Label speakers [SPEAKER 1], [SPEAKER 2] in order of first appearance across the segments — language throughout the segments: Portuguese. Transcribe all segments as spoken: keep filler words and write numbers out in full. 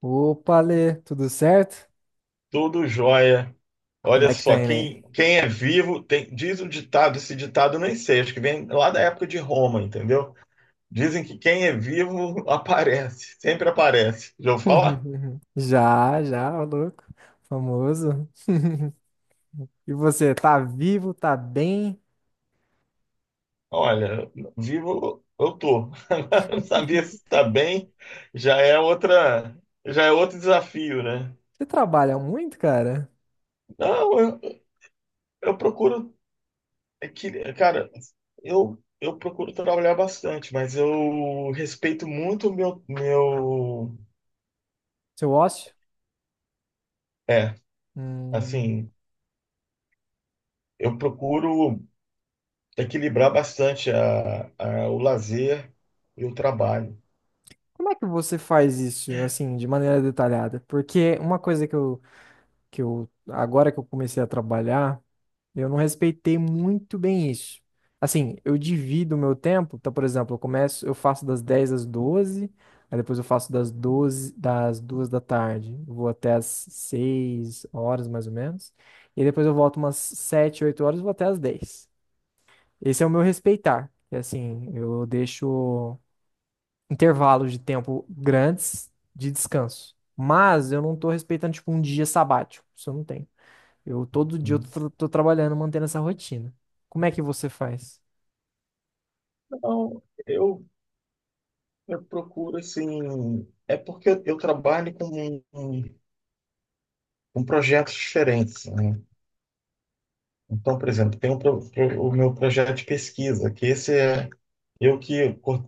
[SPEAKER 1] Opa, Lê, tudo certo?
[SPEAKER 2] Tudo jóia.
[SPEAKER 1] Como
[SPEAKER 2] Olha
[SPEAKER 1] é que tá
[SPEAKER 2] só,
[SPEAKER 1] indo aí?
[SPEAKER 2] quem, quem é vivo tem- diz o ditado, esse ditado eu nem sei, acho que vem lá da época de Roma, entendeu? Dizem que quem é vivo aparece, sempre aparece. Já vou falar?
[SPEAKER 1] Já, já, ô louco. Famoso. E você, tá vivo, tá bem?
[SPEAKER 2] Olha, vivo eu tô. Agora, não sabia se tá bem, já é outra, já é outro desafio, né?
[SPEAKER 1] Você trabalha muito, cara?
[SPEAKER 2] Não, eu, eu procuro, é que, cara, eu, eu procuro trabalhar bastante, mas eu respeito muito o meu, meu
[SPEAKER 1] Seu ócio?
[SPEAKER 2] é,
[SPEAKER 1] Hum,
[SPEAKER 2] Assim, eu procuro equilibrar bastante a, a- o lazer e o trabalho.
[SPEAKER 1] como é que você faz isso, assim, de maneira detalhada? Porque uma coisa que eu, que eu, agora que eu comecei a trabalhar, eu não respeitei muito bem isso. Assim, eu divido o meu tempo. Então, por exemplo, eu começo, eu faço das dez às doze. Aí depois eu faço das doze das duas da tarde. Eu vou até às seis horas, mais ou menos. E depois eu volto umas sete, oito horas e vou até às dez. Esse é o meu respeitar. É assim, eu deixo intervalos de tempo grandes de descanso. Mas eu não tô respeitando, tipo, um dia sabático. Isso eu não tenho. Eu todo dia eu tô, tô trabalhando, mantendo essa rotina. Como é que você faz?
[SPEAKER 2] Então, eu, eu procuro, assim, é porque eu, eu trabalho com, com projetos diferentes, né? Então, por exemplo, tem um pro- pro- o meu projeto de pesquisa, que esse é eu que, co-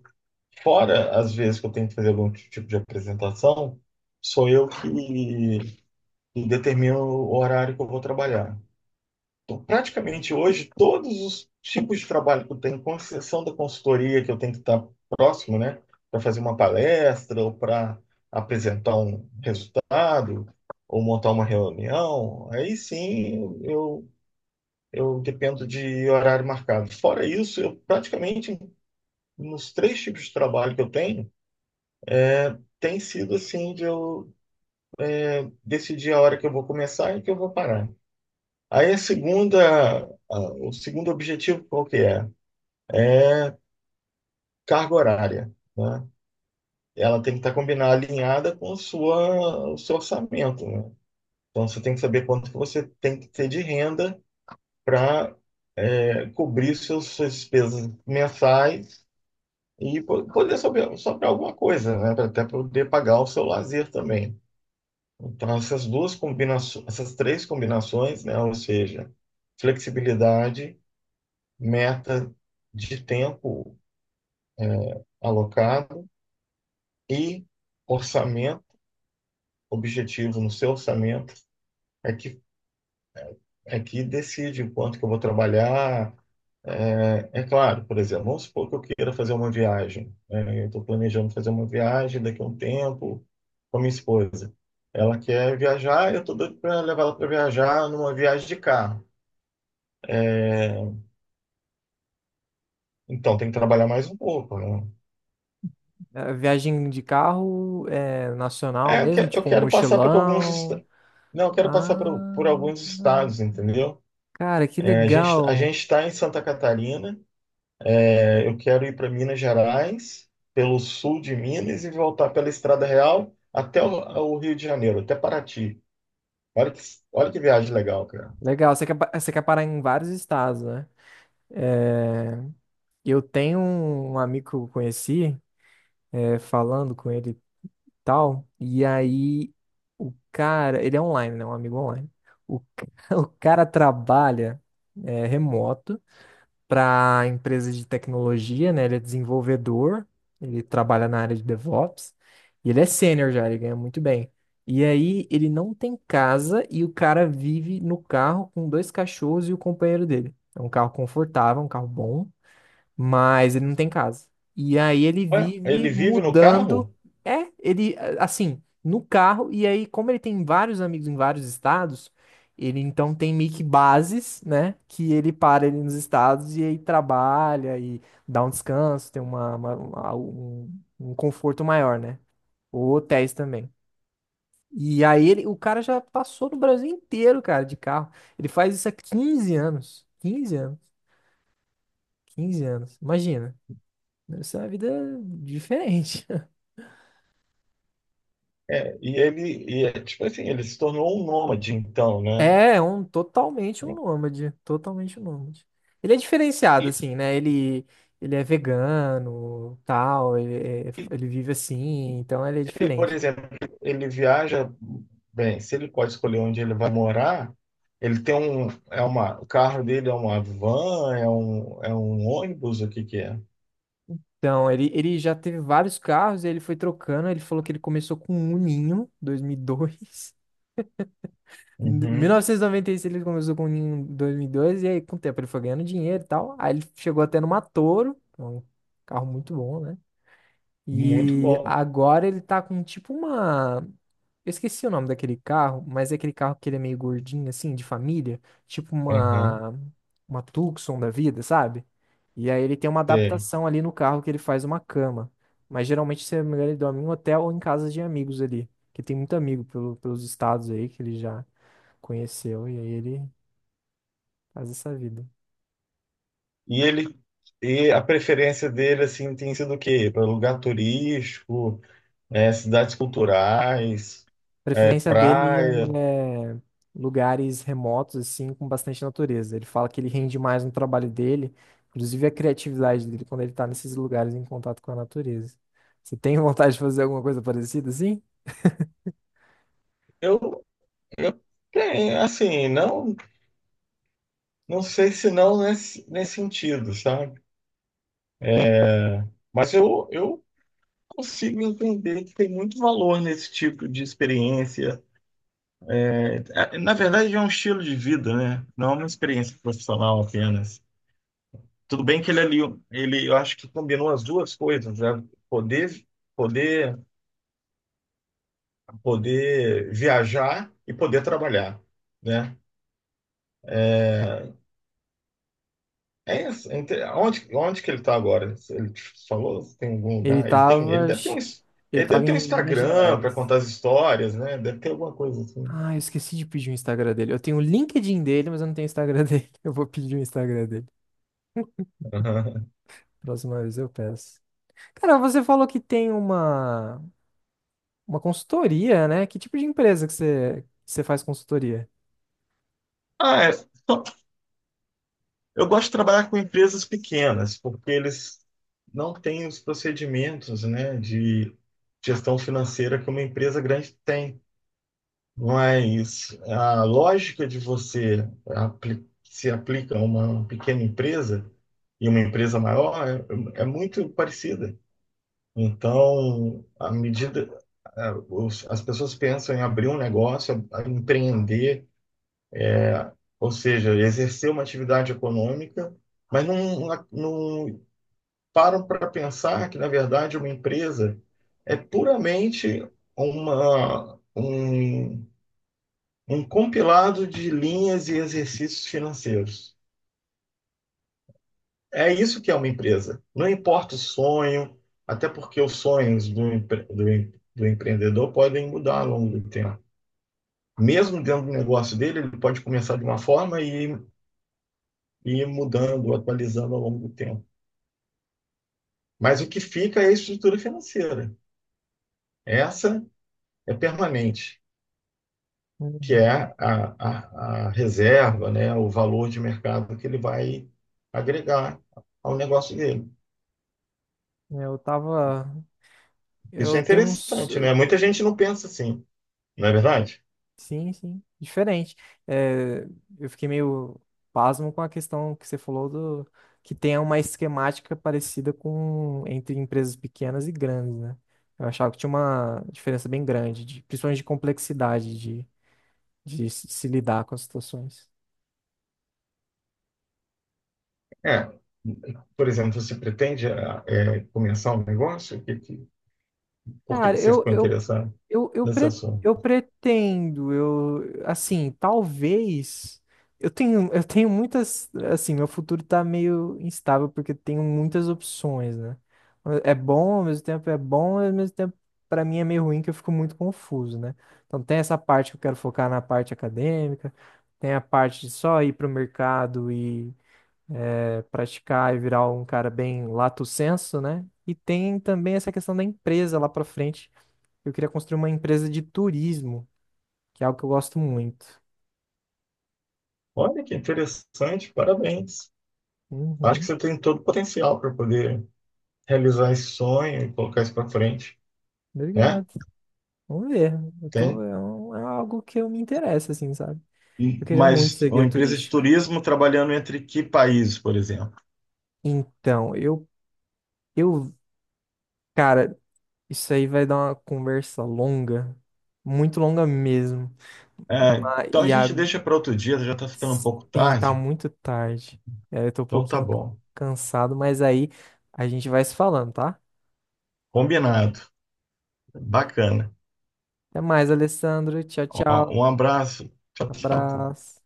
[SPEAKER 2] fora às vezes que eu tenho que fazer algum tipo de apresentação, sou eu que, que determino o horário que eu vou trabalhar. Então, praticamente hoje, todos os tipos de trabalho que eu tenho, com exceção da consultoria, que eu tenho que estar próximo, né, para fazer uma palestra ou para apresentar um resultado ou montar uma reunião, aí sim eu, eu dependo de horário marcado. Fora isso, eu praticamente, nos três tipos de trabalho que eu tenho, tem sido assim de eu decidir a hora que eu vou começar e que eu vou parar. Aí a segunda, a- o segundo objetivo qual que é? É carga horária, né? Ela tem que estar combinada, alinhada com a sua, o seu orçamento, né? Então, você tem que saber quanto que você tem que ter de renda para cobrir seus, suas despesas mensais e po- poder sobrar, sobrar alguma coisa, né? Para até poder pagar o seu lazer também. Então, essas duas combinações, essas três combinações, né? Ou seja, flexibilidade, meta de tempo alocado e orçamento objetivo no seu orçamento é que, é que decide quanto que eu vou trabalhar. É, é claro, por exemplo, vamos supor que eu queira fazer uma viagem, né? Eu estou planejando fazer uma viagem daqui a um tempo com a minha esposa. Ela quer viajar, eu estou doido para levar ela para viajar numa viagem de carro. Então tem que trabalhar mais um pouco, né?
[SPEAKER 1] É, viagem de carro é nacional
[SPEAKER 2] É, eu, que-
[SPEAKER 1] mesmo,
[SPEAKER 2] eu
[SPEAKER 1] tipo um
[SPEAKER 2] quero passar por alguns.
[SPEAKER 1] mochilão.
[SPEAKER 2] Esta- Não, eu quero passar por, por
[SPEAKER 1] Ah,
[SPEAKER 2] alguns estados, entendeu?
[SPEAKER 1] cara, que
[SPEAKER 2] É, a gente a
[SPEAKER 1] legal.
[SPEAKER 2] gente está em Santa Catarina. É, eu quero ir para Minas Gerais, pelo sul de Minas e voltar pela Estrada Real até o, o Rio de Janeiro, até Paraty. Olha que, olha que viagem legal, cara.
[SPEAKER 1] Legal, você quer, pa- você quer parar em vários estados, né? Eu tenho um amigo que eu conheci, é, falando com ele e tal, e aí o cara, ele é online, né? Um amigo online. O, ca- o cara trabalha, é, remoto. Para empresa de tecnologia, né? Ele é desenvolvedor, ele trabalha na área de DevOps e ele é sênior já, ele ganha muito bem. E aí ele não tem casa e o cara vive no carro com dois cachorros e o companheiro dele. É um carro confortável, um carro bom, mas ele não tem casa. E aí ele
[SPEAKER 2] Ué,
[SPEAKER 1] vive
[SPEAKER 2] ele vive no carro,
[SPEAKER 1] mudando. É, ele a- assim, no carro, e aí, como ele tem vários amigos em vários estados, ele então tem meio que bases, né? Que ele para ali nos estados e aí trabalha e dá um descanso, tem uma, uma- uma- um, um conforto maior, né? Ou hotéis também. E aí ele, o cara já passou no Brasil inteiro, cara, de carro. Ele faz isso há quinze anos. quinze anos. quinze anos. Imagina. Deve ser uma vida diferente.
[SPEAKER 2] é, e ele, e é, tipo assim, ele se tornou um nômade, então, né?
[SPEAKER 1] É, é um totalmente um nômade, totalmente um nômade. Ele é diferenciado
[SPEAKER 2] E
[SPEAKER 1] assim, né? Ele ele é vegano, tal, ele, é-
[SPEAKER 2] e
[SPEAKER 1] ele vive assim, então ele é
[SPEAKER 2] ele, por
[SPEAKER 1] diferente.
[SPEAKER 2] exemplo, ele viaja, bem, se ele pode escolher onde ele vai morar, ele tem um, é uma, o carro dele é uma van, é um, é um ônibus, o que que é?
[SPEAKER 1] Então, ele, ele já teve vários carros, ele foi trocando, ele falou que ele começou com um Ninho, dois mil e dois. Em mil
[SPEAKER 2] Uhum,
[SPEAKER 1] novecentos e noventa e seis ele começou com um Ninho em dois e aí com o tempo ele foi ganhando dinheiro e tal. Aí ele chegou até numa Toro, que é um carro muito bom, né?
[SPEAKER 2] muito
[SPEAKER 1] E
[SPEAKER 2] bom.
[SPEAKER 1] agora ele tá com tipo uma. Eu esqueci o nome daquele carro, mas é aquele carro que ele é meio gordinho, assim, de família. Tipo
[SPEAKER 2] Uhum.
[SPEAKER 1] uma. Uma Tucson da vida, sabe? E aí ele tem uma
[SPEAKER 2] Sei.
[SPEAKER 1] adaptação ali no carro que ele faz uma cama. Mas geralmente, se não me engano, ele dorme em um hotel ou em casa de amigos ali. Que tem muito amigo pelo- pelos estados aí que ele já conheceu. E aí ele faz essa vida.
[SPEAKER 2] E ele e a preferência dele assim tem sido o quê? Para lugar turístico, é, cidades culturais, é,
[SPEAKER 1] preferência dele
[SPEAKER 2] praia.
[SPEAKER 1] é é, lugares remotos, assim, com bastante natureza. Ele fala que ele rende mais no trabalho dele, inclusive a criatividade dele quando ele tá nesses lugares em contato com a natureza. Você tem vontade de fazer alguma coisa parecida assim?
[SPEAKER 2] Eu, eu tenho, assim, não, não sei se não nesse, nesse sentido, sabe? É, mas eu, eu consigo entender que tem muito valor nesse tipo de experiência. É, na verdade, é um estilo de vida, né? Não é uma experiência profissional apenas. Tudo bem que ele ali, ele, eu acho que combinou as duas coisas, né? Poder, poder, poder viajar e poder trabalhar, né? É isso. é Onde, onde que ele está agora? Ele te falou, se tem algum
[SPEAKER 1] Ele
[SPEAKER 2] lugar? Ele tem, ele
[SPEAKER 1] tava,
[SPEAKER 2] deve ter um,
[SPEAKER 1] acho-
[SPEAKER 2] ins-
[SPEAKER 1] Ele
[SPEAKER 2] ele deve
[SPEAKER 1] tava
[SPEAKER 2] ter um
[SPEAKER 1] em Minas
[SPEAKER 2] Instagram para
[SPEAKER 1] Gerais.
[SPEAKER 2] contar as histórias, né? Deve ter alguma coisa assim.
[SPEAKER 1] Ah, eu esqueci de pedir o Instagram dele. Eu tenho o LinkedIn dele, mas eu não tenho o Instagram dele. Eu vou pedir o Instagram dele. Próxima vez eu peço. Cara, você falou que tem uma Uma consultoria, né? Que tipo de empresa que você, que você faz consultoria?
[SPEAKER 2] Ah, é. Eu gosto de trabalhar com empresas pequenas, porque eles não têm os procedimentos, né, de gestão financeira que uma empresa grande tem. Mas a lógica de você apli- se aplica a uma pequena empresa e uma empresa maior é, é muito parecida. Então, à medida, a- os- as pessoas pensam em abrir um negócio, a- a empreender, ou seja, exercer uma atividade econômica, mas não, não param para pensar que, na verdade, uma empresa é puramente uma, um um compilado de linhas e exercícios financeiros. É isso que é uma empresa. Não importa o sonho, até porque os sonhos do, empre- do, em- do empreendedor podem mudar ao longo do tempo. Mesmo dentro do negócio dele, ele pode começar de uma forma e ir- mudando, atualizando ao longo do tempo. Mas o que fica é a estrutura financeira. Essa é permanente, que é
[SPEAKER 1] Uhum.
[SPEAKER 2] a, a, a reserva, né, o valor de mercado que ele vai agregar ao negócio dele.
[SPEAKER 1] Eu tava.
[SPEAKER 2] Isso é
[SPEAKER 1] Eu tenho uns.
[SPEAKER 2] interessante, né?
[SPEAKER 1] Eu-
[SPEAKER 2] Muita gente não pensa assim, não é verdade?
[SPEAKER 1] Sim, sim. Diferente. É, eu fiquei meio pasmo com a questão que você falou do. Que tem uma esquemática parecida com entre empresas pequenas e grandes, né? Eu achava que tinha uma diferença bem grande, de, principalmente de complexidade de, de se se lidar com as situações.
[SPEAKER 2] É. Por exemplo, você pretende ah, é, começar um negócio? O que que- Por que que
[SPEAKER 1] Cara,
[SPEAKER 2] você
[SPEAKER 1] eu,
[SPEAKER 2] ficou
[SPEAKER 1] eu
[SPEAKER 2] interessado
[SPEAKER 1] Eu, eu,
[SPEAKER 2] nesse
[SPEAKER 1] pre,
[SPEAKER 2] assunto?
[SPEAKER 1] Eu pretendo, eu, assim, talvez. Eu tenho, eu tenho muitas. Assim, meu futuro tá meio instável porque tenho muitas opções, né? É bom, ao mesmo tempo é bom, ao mesmo tempo, pra mim é meio ruim que eu fico muito confuso, né? Então, tem essa parte que eu quero focar na parte acadêmica, tem a parte de só ir pro mercado e é, praticar e virar um cara bem lato senso, né? E tem também essa questão da empresa lá pra frente, eu queria construir uma empresa de turismo, que é algo que eu gosto muito.
[SPEAKER 2] Olha que interessante, parabéns. Acho que
[SPEAKER 1] Uhum,
[SPEAKER 2] você tem todo o potencial para poder realizar esse sonho e colocar isso para frente, né?
[SPEAKER 1] obrigado. Vamos ver. Eu tô,
[SPEAKER 2] Tem.
[SPEAKER 1] é, um- é algo que eu me interessa, assim, sabe?
[SPEAKER 2] E-
[SPEAKER 1] Eu queria muito
[SPEAKER 2] Mas
[SPEAKER 1] ser
[SPEAKER 2] uma
[SPEAKER 1] guia
[SPEAKER 2] empresa de
[SPEAKER 1] turístico.
[SPEAKER 2] turismo trabalhando entre que países, por exemplo?
[SPEAKER 1] Então, eu, eu, cara, isso aí vai dar uma conversa longa, muito longa mesmo.
[SPEAKER 2] É,
[SPEAKER 1] Ah,
[SPEAKER 2] então a
[SPEAKER 1] E a,
[SPEAKER 2] gente deixa para outro dia, já está ficando um pouco
[SPEAKER 1] sim, tá
[SPEAKER 2] tarde.
[SPEAKER 1] muito tarde. É, eu tô um
[SPEAKER 2] Então tá
[SPEAKER 1] pouquinho
[SPEAKER 2] bom.
[SPEAKER 1] cansado, mas aí a gente vai se falando, tá?
[SPEAKER 2] Combinado. Bacana.
[SPEAKER 1] Até mais, Alessandro. Tchau,
[SPEAKER 2] Ó,
[SPEAKER 1] tchau.
[SPEAKER 2] um abraço. Tchau, tchau.
[SPEAKER 1] Abraço.